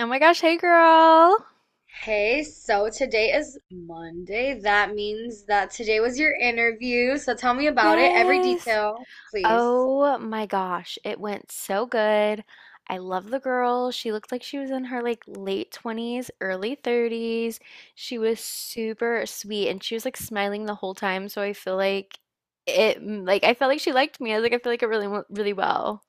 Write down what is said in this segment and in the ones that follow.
Oh my gosh, hey girl. Hey, so today is Monday. That means that today was your interview. So tell me about it, every Yes. detail, please. Oh my gosh, it went so good. I love the girl. She looked like she was in her like late 20s, early 30s. She was super sweet and she was like smiling the whole time, so I feel like it like I felt like she liked me. I was like I feel like it really went really well.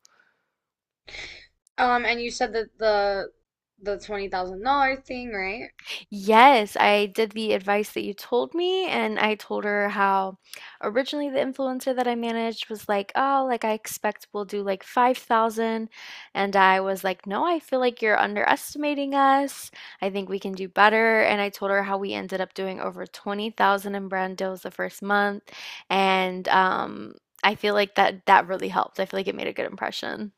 And you said that the $20,000 thing, right? Yes, I did the advice that you told me, and I told her how originally the influencer that I managed was like, "Oh, like I expect we'll do like 5,000," and I was like, "No, I feel like you're underestimating us. I think we can do better." And I told her how we ended up doing over 20,000 in brand deals the first month, and I feel like that really helped. I feel like it made a good impression.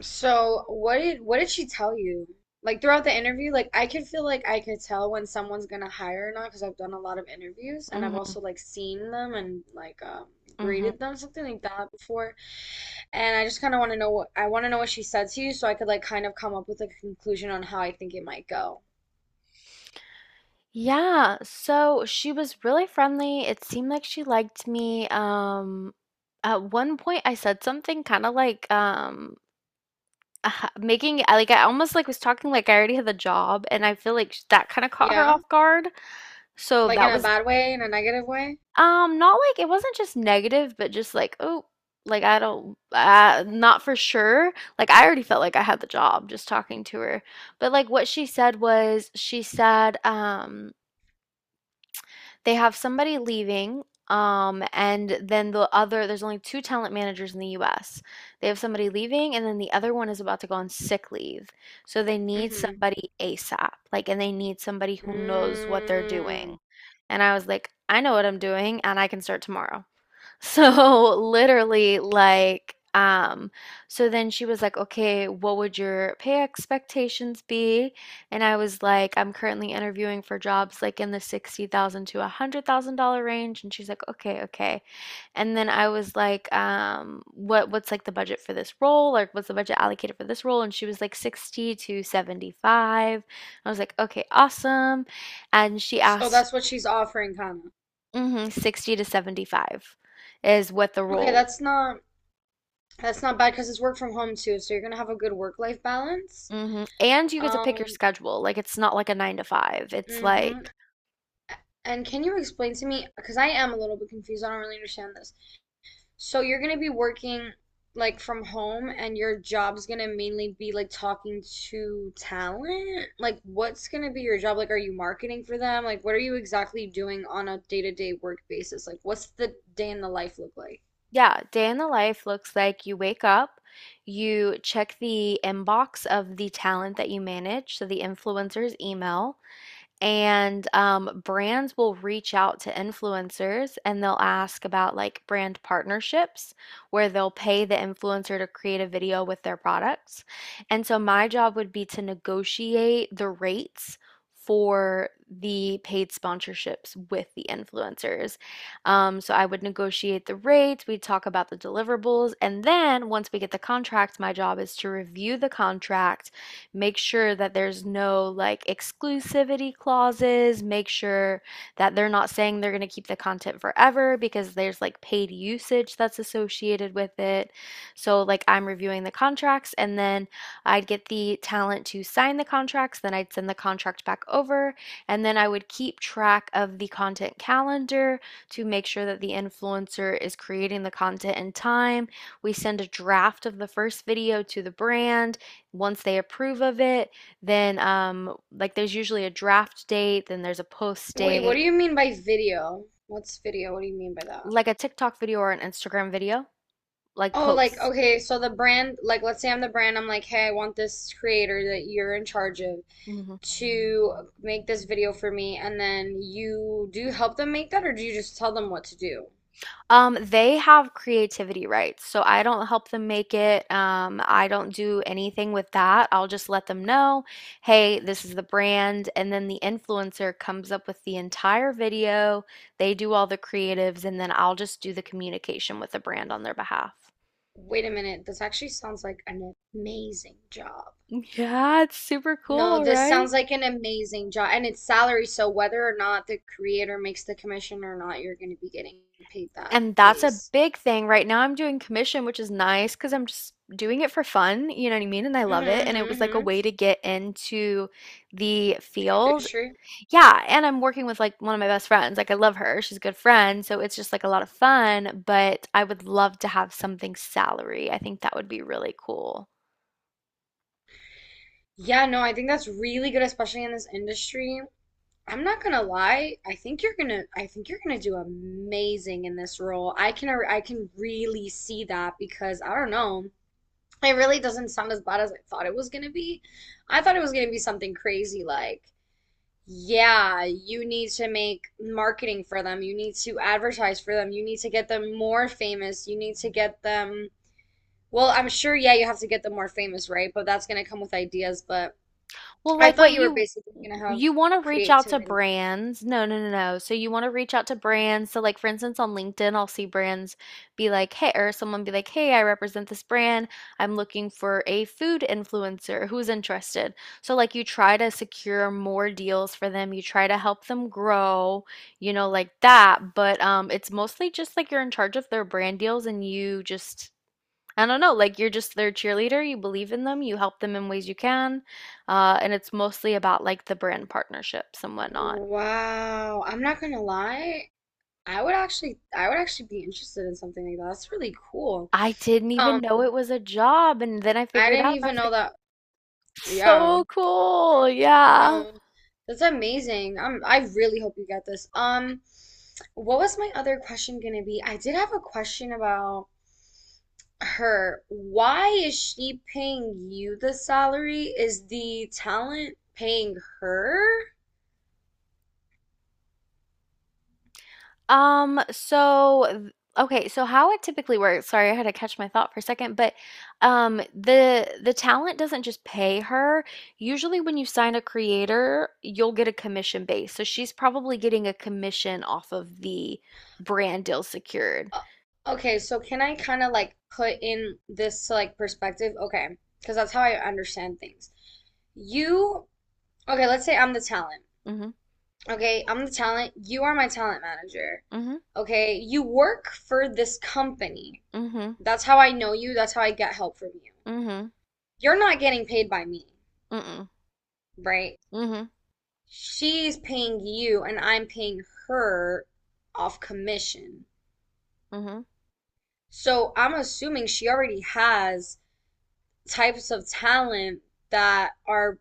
So what did she tell you? Like throughout the interview, like I could feel like I could tell when someone's gonna hire or not because I've done a lot of interviews and I've Hmm. also like seen them and like Hmm. graded them something like that before. And I just kind of want to know what she said to you so I could like kind of come up with like a conclusion on how I think it might go. Yeah, so she was really friendly. It seemed like she liked me. At one point, I said something kind of like making like I almost like was talking like I already had the job, and I feel like that kind of caught her off Yeah, guard. So like in that a was bad way, in a negative way. Not like it wasn't just negative, but just like oh, like I don't, not for sure. Like I already felt like I had the job just talking to her, but like what she said was she said they have somebody leaving, and then the other, there's only two talent managers in the US. They have somebody leaving, and then the other one is about to go on sick leave. So they need Mm-hmm. somebody ASAP, like, and they need somebody who knows what they're doing. Mm. And I was like, I know what I'm doing, and I can start tomorrow. So literally like so then she was like, "Okay, what would your pay expectations be?" And I was like, "I'm currently interviewing for jobs like in the 60,000 to a $100,000 range." And she's like, "Okay, okay." And then I was like, what's like the budget for this role? Like what's the budget allocated for this role? And she was like 60 to 75. I was like, "Okay, awesome." And she So asked, that's what she's offering, kind of. 60 to 75 is what the Okay, role. that's not. That's not bad because it's work from home too, so you're gonna have a good work-life balance. Mhm, and you get to pick your Um, schedule, like, it's not like a 9 to 5, it's hmm like And can you explain to me, because I am a little bit confused, I don't really understand this. So you're gonna be working like from home and your job's gonna mainly be like talking to talent? Like what's gonna be your job? Like are you marketing for them? Like what are you exactly doing on a day-to-day work basis? Like what's the day in the life look like? yeah, day in the life looks like you wake up, you check the inbox of the talent that you manage, so the influencer's email. And brands will reach out to influencers and they'll ask about like brand partnerships where they'll pay the influencer to create a video with their products. And so my job would be to negotiate the rates for the paid sponsorships with the influencers. So I would negotiate the rates, we'd talk about the deliverables, and then once we get the contract, my job is to review the contract, make sure that there's no like exclusivity clauses, make sure that they're not saying they're going to keep the content forever because there's like paid usage that's associated with it. So, like, I'm reviewing the contracts and then I'd get the talent to sign the contracts, then I'd send the contract back over, and then I would keep track of the content calendar to make sure that the influencer is creating the content in time. We send a draft of the first video to the brand, once they approve of it, then like there's usually a draft date, then there's a post Wait, what date, do you mean by video? What's video? What do you mean by that? like a TikTok video or an Instagram video, like Oh, like, posts. okay, so the brand, like, let's say I'm the brand, I'm like, hey, I want this creator that you're in charge of Mhm. to make this video for me, and then you do you help them make that, or do you just tell them what to do? They have creativity rights, so I don't help them make it. I don't do anything with that. I'll just let them know, hey, this is the brand, and then the influencer comes up with the entire video. They do all the creatives, and then I'll just do the communication with the brand on their behalf. Wait a minute, this actually sounds like an amazing job. Yeah, it's super No, cool, this right? sounds like an amazing job, and it's salary, so whether or not the creator makes the commission or not, you're going to be getting paid that And that's a base. big thing. Right now I'm doing commission, which is nice because 'cause I'm just doing it for fun, you know what I mean? And I Mm-hmm, love it. And it was mm-hmm, like a mm-hmm. way to get into the field. Industry. Yeah, and I'm working with like one of my best friends. Like I love her. She's a good friend, so it's just like a lot of fun, but I would love to have something salary. I think that would be really cool. Yeah, no, I think that's really good, especially in this industry. I'm not gonna lie. I think you're gonna do amazing in this role. I can really see that because I don't know. It really doesn't sound as bad as I thought it was gonna be. I thought it was gonna be something crazy like, yeah, you need to make marketing for them. You need to advertise for them. You need to get them more famous. You need to get them. Well, I'm sure, yeah, you have to get them more famous, right? But that's gonna come with ideas. But Well, I like what thought you were you basically gonna have you want to reach out to creativity. brands. No, no, no, no. So you want to reach out to brands. So like for instance on LinkedIn, I'll see brands be like, "Hey," or someone be like, "Hey, I represent this brand. I'm looking for a food influencer who's interested." So like you try to secure more deals for them. You try to help them grow, you know, like that, but it's mostly just like you're in charge of their brand deals, and you just I don't know, like you're just their cheerleader, you believe in them, you help them in ways you can. And it's mostly about like the brand partnerships and whatnot. Wow. I'm not gonna lie. I would actually be interested in something like that. That's really cool. I didn't even Um, know it was a job. And then I I figured didn't out and I even was know like, that. Yeah. so cool. Yeah. No. That's amazing. I really hope you get this. What was my other question gonna be? I did have a question about her. Why is she paying you the salary? Is the talent paying her? So th Okay, so how it typically works, sorry, I had to catch my thought for a second, but, the talent doesn't just pay her. Usually when you sign a creator, you'll get a commission base, so she's probably getting a commission off of the brand deal secured. Uh, Okay, so can I kind of like put in this to like perspective? Okay, because that's how I understand things. You, okay, let's say I'm the talent. Mhm, Okay, I'm the talent. You are my talent manager. mhm, Okay, you work for this company. mhm, That's how I know you. That's how I get help from you. mhm, You're not getting paid by me, mm, right? mhm, She's paying you, and I'm paying her off commission. mhm. So I'm assuming she already has types of talent that are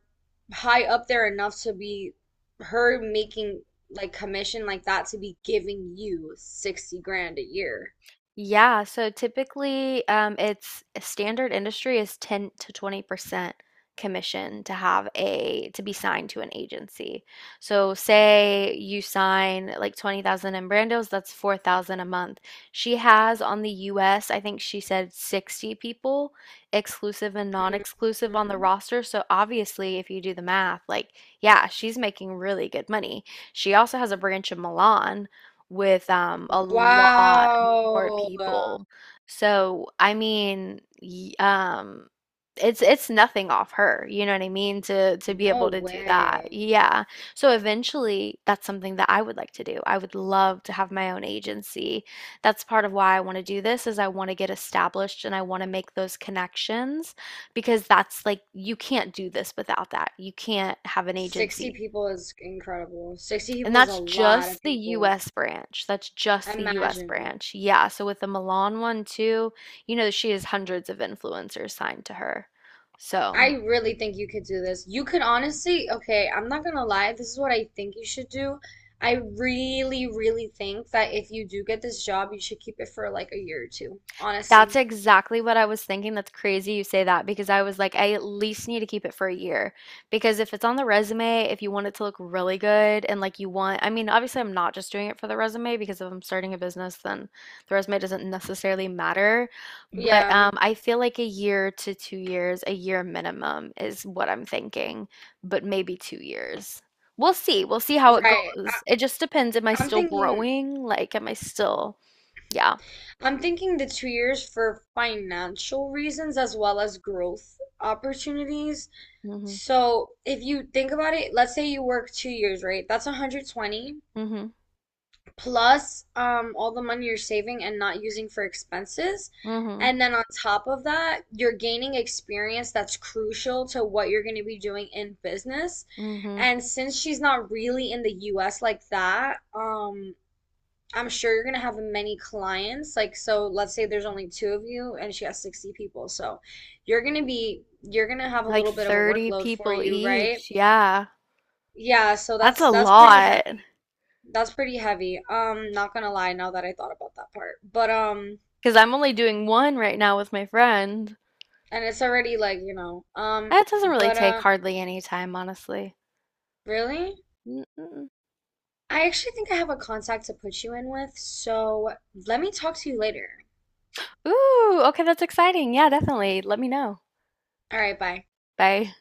high up there enough to be her making like commission like that to be giving you 60 grand a year. Yeah, so typically, it's standard industry is 10 to 20% commission to have a to be signed to an agency. So say you sign like 20,000 in Brando's, that's 4,000 a month. She has on the US, I think she said 60 people, exclusive and non-exclusive on the Mhm. roster. So obviously, if you do the math, like yeah, she's making really good money. She also has a branch in Milan with, a lot more Wow. people. So, I mean, y it's nothing off her, you know what I mean, to be No able to do that. way. Yeah. So eventually, that's something that I would like to do. I would love to have my own agency. That's part of why I want to do this is I want to get established and I want to make those connections because that's like you can't do this without that. You can't have an 60 agency. people is incredible. 60 And people is a that's lot of just the people. US branch. That's just the US Imagine. branch. Yeah. So with the Milan one too, you know, she has hundreds of influencers signed to her. I So. really think you could do this. You could honestly, okay, I'm not gonna lie, this is what I think you should do. I really, really think that if you do get this job, you should keep it for like a year or two, That's honestly. exactly what I was thinking. That's crazy you say that because I was like, I at least need to keep it for a year. Because if it's on the resume, if you want it to look really good and like you want, I mean, obviously, I'm not just doing it for the resume because if I'm starting a business, then the resume doesn't necessarily matter. But Yeah, I feel like a year to 2 years, a year minimum is what I'm thinking, but maybe 2 years. We'll see. We'll see how it right. I, goes. It just depends. Am I I'm still thinking growing? Like, am I still, yeah. I'm thinking the 2 years for financial reasons as well as growth opportunities. Hmm. So if you think about it, let's say you work 2 years, right? That's 120 Hmm. plus all the money you're saving and not using for expenses. Hmm. And then on top of that, you're gaining experience that's crucial to what you're going to be doing in business. Mhm. And since she's not really in the US like that, I'm sure you're going to have many clients. Like, so let's say there's only two of you and she has 60 people. So you're going to have a Like little bit of a 30 workload for people you, right? each. Yeah. Yeah, so That's that's a that's pretty lot. heavy. That's pretty heavy. Not gonna lie, now that I thought about that part. But Because I'm only doing one right now with my friend. and it's already like, you know, That doesn't really but take hardly any time, honestly. really? Mm-mm. I actually think I have a contact to put you in with, so let me talk to you later. Ooh, okay, that's exciting. Yeah, definitely. Let me know. All right, bye. Bye.